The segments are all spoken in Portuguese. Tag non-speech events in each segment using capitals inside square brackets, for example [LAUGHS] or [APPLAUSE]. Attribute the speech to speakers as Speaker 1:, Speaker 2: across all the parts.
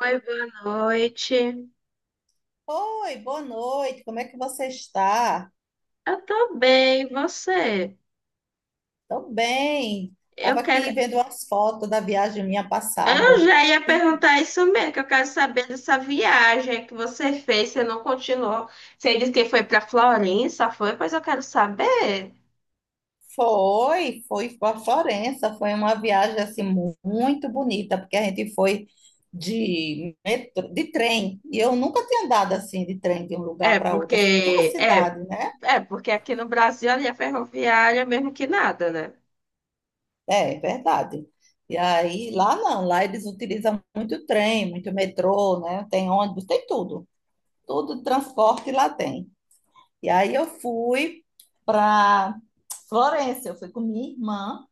Speaker 1: Oi, boa noite.
Speaker 2: Oi, boa noite. Como é que você está?
Speaker 1: Eu tô bem, e você?
Speaker 2: Tô bem.
Speaker 1: Eu
Speaker 2: Tava
Speaker 1: quero.
Speaker 2: aqui vendo umas fotos da viagem minha
Speaker 1: Eu
Speaker 2: passada.
Speaker 1: já ia
Speaker 2: E
Speaker 1: perguntar isso mesmo, que eu quero saber dessa viagem que você fez, você não continuou. Você disse que foi pra Florença, foi? Pois eu quero saber.
Speaker 2: foi para Florença. Foi uma viagem assim muito bonita, porque a gente foi de metrô, de trem. E eu nunca tinha andado assim de trem de um
Speaker 1: É,
Speaker 2: lugar para outro,
Speaker 1: porque
Speaker 2: assim, de uma
Speaker 1: é,
Speaker 2: cidade, né?
Speaker 1: é porque aqui no Brasil a linha ferroviária é mesmo que nada, né?
Speaker 2: É, é verdade. E aí lá não, lá eles utilizam muito trem, muito metrô, né? Tem ônibus, tem tudo. Tudo de transporte lá tem. E aí eu fui para Florença, eu fui com minha irmã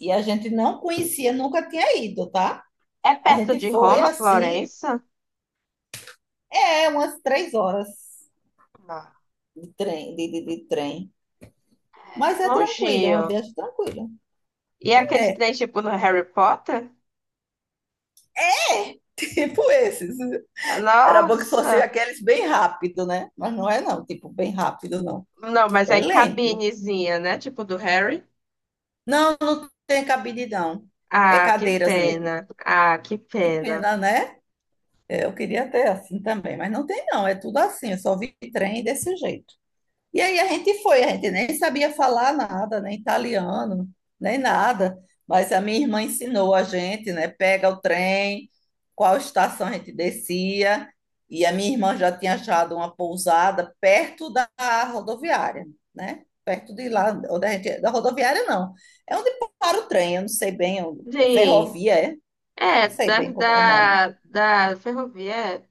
Speaker 2: e a gente não conhecia, nunca tinha ido, tá?
Speaker 1: É
Speaker 2: A
Speaker 1: perto de
Speaker 2: gente foi
Speaker 1: Roma,
Speaker 2: assim,
Speaker 1: Florença?
Speaker 2: é umas 3 horas
Speaker 1: Não.
Speaker 2: de trem, de trem. Mas
Speaker 1: É
Speaker 2: é tranquilo, é uma
Speaker 1: longinho.
Speaker 2: viagem tranquila.
Speaker 1: E aqueles
Speaker 2: É,
Speaker 1: trens tipo no Harry Potter?
Speaker 2: [LAUGHS] tipo esses. Era bom que fosse
Speaker 1: Nossa!
Speaker 2: aqueles bem rápido, né? Mas não é não, tipo, bem rápido não.
Speaker 1: Não, mas
Speaker 2: É
Speaker 1: aí
Speaker 2: lento.
Speaker 1: cabinezinha, né? Tipo do Harry.
Speaker 2: Não, não tem cabine não. É
Speaker 1: Ah, que
Speaker 2: cadeiras mesmo.
Speaker 1: pena. Ah, que
Speaker 2: Que
Speaker 1: pena.
Speaker 2: pena, né? É, eu queria ter assim também, mas não tem não, é tudo assim, eu só vi trem desse jeito. E aí a gente foi, a gente nem sabia falar nada, nem italiano, nem nada, mas a minha irmã ensinou a gente, né? Pega o trem, qual estação a gente descia, e a minha irmã já tinha achado uma pousada perto da rodoviária, né? Perto de lá, onde a gente, é, da rodoviária não, é onde para o trem, eu não sei bem, é
Speaker 1: Sim.
Speaker 2: ferrovia, é? Não
Speaker 1: É,
Speaker 2: sei
Speaker 1: da,
Speaker 2: bem como é o nome.
Speaker 1: da, da ferrovia, é,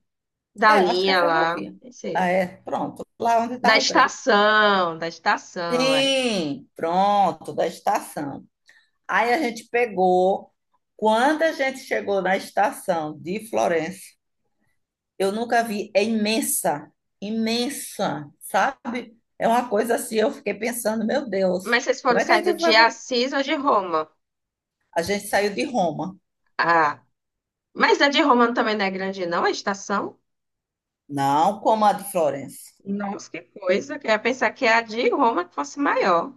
Speaker 1: da
Speaker 2: É, eu acho que é
Speaker 1: linha lá.
Speaker 2: ferrovia.
Speaker 1: Não
Speaker 2: Ah,
Speaker 1: sei.
Speaker 2: é, pronto, lá é onde
Speaker 1: Da
Speaker 2: estava o trem.
Speaker 1: estação, da estação, é.
Speaker 2: Sim, pronto, da estação. Aí a gente pegou. Quando a gente chegou na estação de Florença, eu nunca vi, é imensa, imensa, sabe? É uma coisa assim, eu fiquei pensando, meu Deus,
Speaker 1: Mas vocês
Speaker 2: como
Speaker 1: foram
Speaker 2: é que a
Speaker 1: saindo
Speaker 2: gente
Speaker 1: de
Speaker 2: vai?
Speaker 1: Assis ou de Roma?
Speaker 2: A gente saiu de Roma,
Speaker 1: Ah, mas a de Roma também não é grande, não, a estação?
Speaker 2: não como a de Florença.
Speaker 1: Nossa, que coisa. Que eu ia pensar que a de Roma fosse maior.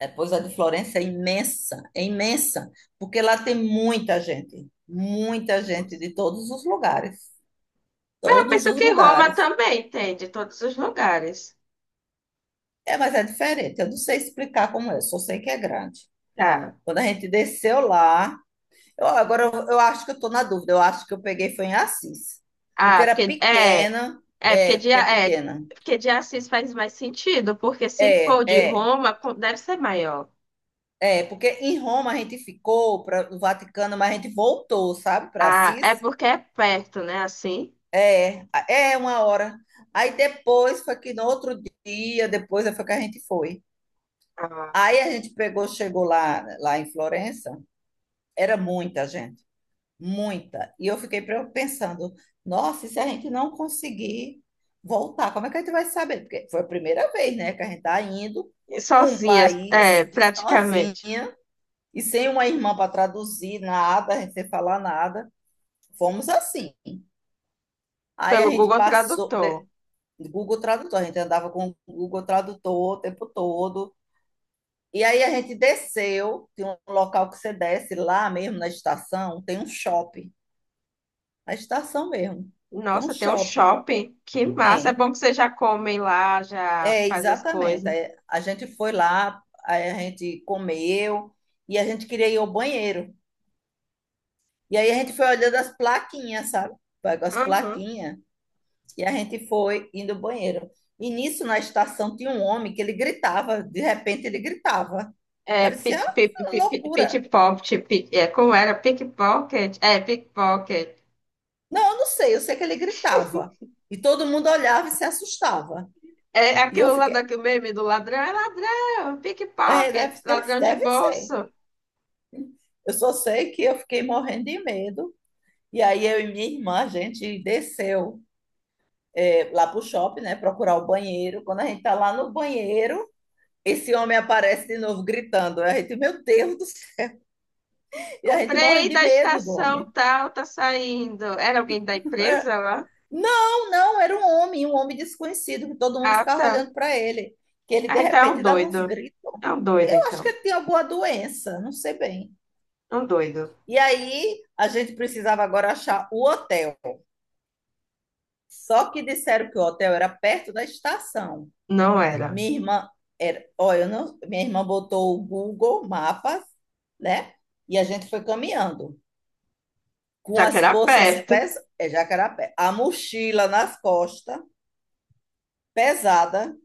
Speaker 2: Depois a de Florença é imensa, porque lá tem muita gente
Speaker 1: Nossa.
Speaker 2: de todos os lugares,
Speaker 1: Mas eu
Speaker 2: todos
Speaker 1: penso
Speaker 2: os
Speaker 1: que Roma
Speaker 2: lugares.
Speaker 1: também tem, de todos os lugares.
Speaker 2: É, mas é diferente, eu não sei explicar como é, só sei que é grande.
Speaker 1: Tá.
Speaker 2: Quando a gente desceu lá, agora eu acho que eu estou na dúvida, eu acho que eu peguei foi em Assis, porque
Speaker 1: Ah,
Speaker 2: era
Speaker 1: porque é,
Speaker 2: pequena, é, porque é
Speaker 1: é,
Speaker 2: pequena.
Speaker 1: porque de Assis faz mais sentido, porque se
Speaker 2: É,
Speaker 1: for de
Speaker 2: é,
Speaker 1: Roma, co- deve ser maior.
Speaker 2: é, porque em Roma a gente ficou para o Vaticano, mas a gente voltou, sabe, para
Speaker 1: Ah, é
Speaker 2: Assis.
Speaker 1: porque é perto, né? Assim,
Speaker 2: É é 1 hora. Aí depois foi que no outro dia, depois é, foi que a gente foi.
Speaker 1: ah,
Speaker 2: Aí a gente pegou, chegou lá em Florença, era muita gente, muita. E eu fiquei pensando, nossa, e se a gente não conseguir voltar, como é que a gente vai saber? Porque foi a primeira vez, né, que a gente tá indo
Speaker 1: e
Speaker 2: para um
Speaker 1: sozinhas, é,
Speaker 2: país e sozinha
Speaker 1: praticamente,
Speaker 2: e sem uma irmã para traduzir nada, a gente sem falar nada. Fomos assim. Aí a
Speaker 1: pelo
Speaker 2: gente
Speaker 1: Google
Speaker 2: passou,
Speaker 1: Tradutor.
Speaker 2: Google Tradutor, a gente andava com o Google Tradutor o tempo todo. E aí a gente desceu, tem um local que você desce lá mesmo na estação, tem um shopping, na estação mesmo, tem um
Speaker 1: Nossa, tem um
Speaker 2: shopping.
Speaker 1: shopping, que massa! É
Speaker 2: Tem.
Speaker 1: bom que vocês já comem lá, já
Speaker 2: É,
Speaker 1: fazem as
Speaker 2: exatamente.
Speaker 1: coisas.
Speaker 2: Aí a gente foi lá, aí a gente comeu e a gente queria ir ao banheiro. E aí a gente foi olhando as plaquinhas, sabe? Pegou as
Speaker 1: Uhum.
Speaker 2: plaquinhas e a gente foi indo ao banheiro. E nisso, na estação, tinha um homem que ele gritava, de repente ele gritava.
Speaker 1: É,
Speaker 2: Parecia
Speaker 1: pit, pit, pit, pit,
Speaker 2: loucura.
Speaker 1: pit, pop, pit- é, como era? Pickpocket? É, pickpocket.
Speaker 2: Não, eu não sei, eu sei que ele gritava. E todo mundo olhava e se assustava.
Speaker 1: É
Speaker 2: E eu
Speaker 1: aquilo lá
Speaker 2: fiquei,
Speaker 1: daquele meme do ladrão, é ladrão,
Speaker 2: é,
Speaker 1: pickpocket,
Speaker 2: deve, deve,
Speaker 1: ladrão de
Speaker 2: deve ser.
Speaker 1: bolso.
Speaker 2: Eu só sei que eu fiquei morrendo de medo. E aí eu e minha irmã, a gente desceu é, lá pro shopping, né, procurar o banheiro. Quando a gente tá lá no banheiro, esse homem aparece de novo gritando. A gente, meu Deus do céu, e a
Speaker 1: O
Speaker 2: gente morrendo
Speaker 1: trem
Speaker 2: de
Speaker 1: da
Speaker 2: medo do
Speaker 1: estação
Speaker 2: homem.
Speaker 1: tal tá saindo. Era alguém da empresa
Speaker 2: [LAUGHS]
Speaker 1: lá?
Speaker 2: Não, não, era um homem desconhecido, que todo mundo
Speaker 1: Ah,
Speaker 2: ficava
Speaker 1: tá.
Speaker 2: olhando para ele, que ele de
Speaker 1: Ah, então é um
Speaker 2: repente dava uns
Speaker 1: doido.
Speaker 2: gritos.
Speaker 1: É um doido,
Speaker 2: Eu acho que
Speaker 1: então.
Speaker 2: ele tinha alguma doença, não sei bem.
Speaker 1: É um doido.
Speaker 2: E aí a gente precisava agora achar o hotel. Só que disseram que o hotel era perto da estação.
Speaker 1: Não era.
Speaker 2: Minha irmã era, olha, eu não, minha irmã botou o Google Mapas, né? E a gente foi caminhando com
Speaker 1: Já que
Speaker 2: as
Speaker 1: era
Speaker 2: bolsas
Speaker 1: perto.
Speaker 2: pesadas, é Jacarapé, a mochila nas costas, pesada.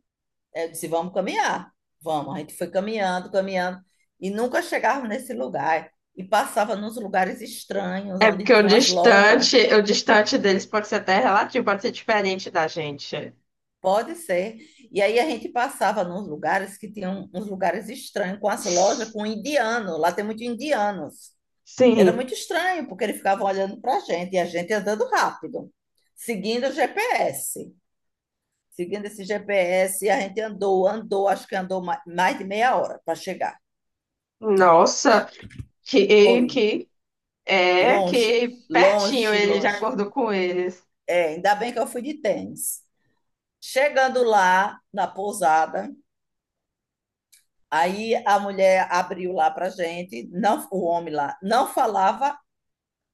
Speaker 2: É, eu disse, vamos caminhar. Vamos. A gente foi caminhando, caminhando, e nunca chegava nesse lugar. E passava nos lugares estranhos,
Speaker 1: É porque
Speaker 2: onde tinham as lojas.
Speaker 1: o distante deles pode ser até relativo, pode ser diferente da gente.
Speaker 2: Pode ser. E aí a gente passava nos lugares que tinham uns lugares estranhos, com as lojas, com indiano. Lá tem muito indianos. Era
Speaker 1: Sim.
Speaker 2: muito estranho, porque eles ficavam olhando para a gente, e a gente andando rápido, seguindo o GPS. Seguindo esse GPS, a gente andou, andou, acho que andou mais de meia hora para chegar.
Speaker 1: Nossa, que,
Speaker 2: Foi.
Speaker 1: que é
Speaker 2: Longe,
Speaker 1: que pertinho
Speaker 2: longe,
Speaker 1: ele já
Speaker 2: longe.
Speaker 1: acordou com eles.
Speaker 2: É, ainda bem que eu fui de tênis. Chegando lá na pousada, aí a mulher abriu lá para gente, não, o homem lá não falava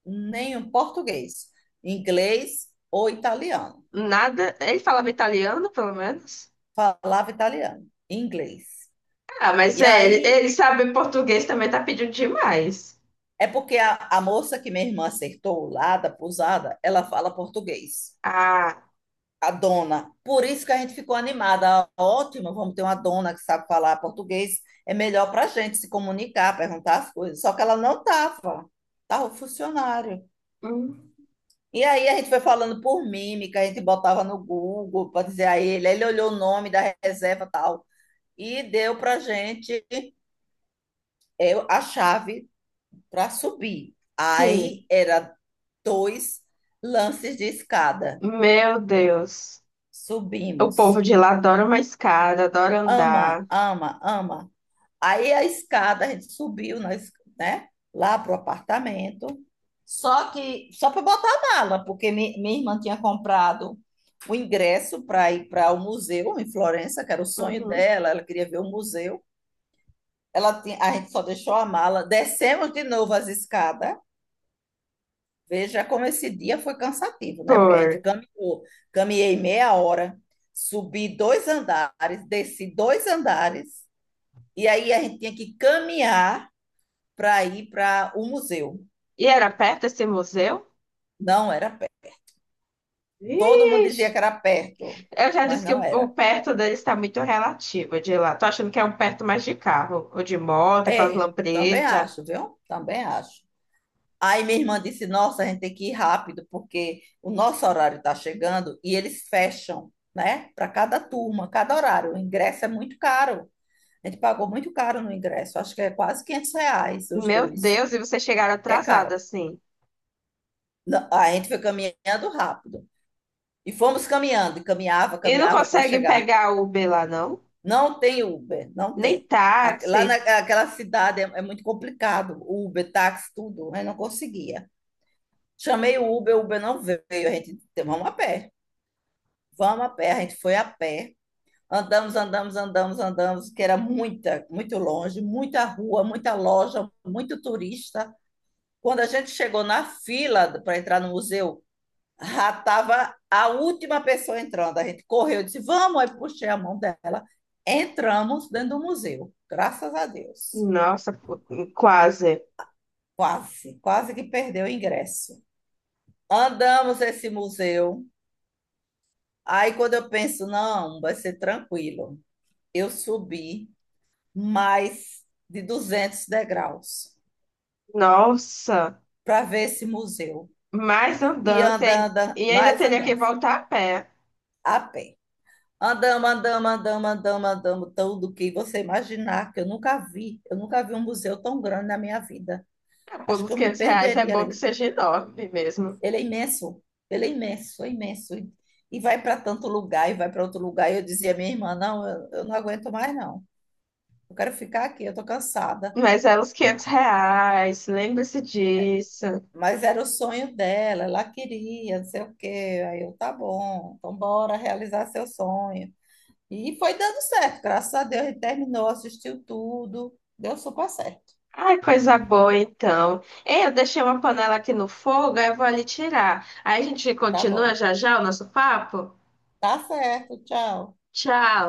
Speaker 2: nenhum português, inglês ou italiano.
Speaker 1: Nada. Ele falava italiano, pelo menos.
Speaker 2: Falava italiano, inglês.
Speaker 1: Ah, mas
Speaker 2: E
Speaker 1: é, ele,
Speaker 2: aí
Speaker 1: ele sabe português também, tá pedindo demais.
Speaker 2: é porque a moça que minha irmã acertou lá da pousada, ela fala português.
Speaker 1: Ah,
Speaker 2: A dona. Por isso que a gente ficou animada. Ah, ótimo, vamos ter uma dona que sabe falar português. É melhor para a gente se comunicar, perguntar as coisas. Só que ela não estava. Estava o funcionário.
Speaker 1: hum,
Speaker 2: E aí a gente foi falando por mímica, a gente botava no Google para dizer a ele. Ele olhou o nome da reserva e tal. E deu para a gente é, a chave para subir.
Speaker 1: sim.
Speaker 2: Aí era dois lances de escada.
Speaker 1: Meu Deus. O povo
Speaker 2: Subimos
Speaker 1: de lá adora uma escada, adora
Speaker 2: ama,
Speaker 1: andar.
Speaker 2: ama, ama. Aí a escada, a gente subiu, nós, né, lá pro apartamento. Só que, só para botar a mala, porque minha irmã tinha comprado o ingresso para ir para o museu em Florença, que era o sonho
Speaker 1: Uhum.
Speaker 2: dela, ela queria ver o museu. Ela tinha, a gente só deixou a mala, descemos de novo as escadas. Veja como esse dia foi cansativo, né? Porque a gente
Speaker 1: Por.
Speaker 2: caminhou, caminhei meia hora, subi dois andares, desci dois andares, e aí a gente tinha que caminhar para ir para o museu.
Speaker 1: E era perto esse museu?
Speaker 2: Não era perto. Todo mundo
Speaker 1: Ixi.
Speaker 2: dizia que era perto,
Speaker 1: Eu já
Speaker 2: mas
Speaker 1: disse que o,
Speaker 2: não
Speaker 1: o
Speaker 2: era.
Speaker 1: perto dele está muito relativo de lá. Tô achando que é um perto mais de carro, ou de moto, aquelas
Speaker 2: É, também
Speaker 1: lampretas.
Speaker 2: acho, viu? Também acho. Aí minha irmã disse: Nossa, a gente tem que ir rápido, porque o nosso horário está chegando e eles fecham, né? Para cada turma, cada horário. O ingresso é muito caro. A gente pagou muito caro no ingresso, acho que é quase R$ 500 os
Speaker 1: Meu
Speaker 2: dois.
Speaker 1: Deus, e vocês chegaram
Speaker 2: É
Speaker 1: atrasados
Speaker 2: caro.
Speaker 1: assim.
Speaker 2: A gente foi caminhando rápido. E fomos caminhando, e caminhava,
Speaker 1: E não
Speaker 2: caminhava para
Speaker 1: consegue
Speaker 2: chegar.
Speaker 1: pegar Uber lá, não?
Speaker 2: Não tem Uber, não
Speaker 1: Nem
Speaker 2: tem.
Speaker 1: táxi.
Speaker 2: Lá naquela cidade é, muito complicado, Uber, táxi, tudo, eu não conseguia. Chamei o Uber não veio, a gente, vamos a pé, vamos a pé, a gente foi a pé, andamos, andamos, andamos, andamos, que era muita, muito longe, muita rua, muita loja, muito turista. Quando a gente chegou na fila para entrar no museu, já estava a última pessoa entrando. A gente correu, disse, vamos, aí puxei a mão dela. Entramos dentro do museu, graças a Deus.
Speaker 1: Nossa, pô, quase.
Speaker 2: Quase, quase que perdeu o ingresso. Andamos esse museu. Aí quando eu penso, não, vai ser tranquilo. Eu subi mais de 200 degraus
Speaker 1: Nossa,
Speaker 2: para ver esse museu.
Speaker 1: mais
Speaker 2: E
Speaker 1: andança. E
Speaker 2: anda,
Speaker 1: ai-
Speaker 2: anda,
Speaker 1: e ainda
Speaker 2: mais
Speaker 1: teria que
Speaker 2: andando,
Speaker 1: voltar a pé.
Speaker 2: a pé. Andamos, andamos, andamos, andamos, andamos, tudo que você imaginar, que eu nunca vi. Eu nunca vi um museu tão grande na minha vida.
Speaker 1: Por
Speaker 2: Acho
Speaker 1: uns
Speaker 2: que eu me
Speaker 1: R$ 500 é
Speaker 2: perderia
Speaker 1: bom que
Speaker 2: ali.
Speaker 1: seja enorme mesmo.
Speaker 2: Ele é imenso, ele é imenso, é imenso. E vai para tanto lugar, e vai para outro lugar. E eu dizia, à minha irmã, não, eu não aguento mais, não. Eu quero ficar aqui, eu estou cansada.
Speaker 1: Mas é uns R$ 500, lembre-se disso.
Speaker 2: Mas era o sonho dela, ela queria, não sei o quê. Aí eu, tá bom, então bora realizar seu sonho. E foi dando certo, graças a Deus, ele terminou, assistiu tudo, deu super certo.
Speaker 1: Ai, coisa boa, então. Ei, eu deixei uma panela aqui no fogo, aí eu vou ali tirar. Aí a gente
Speaker 2: Tá
Speaker 1: continua
Speaker 2: bom.
Speaker 1: já já o nosso papo?
Speaker 2: Tá certo. Tchau.
Speaker 1: Tchau.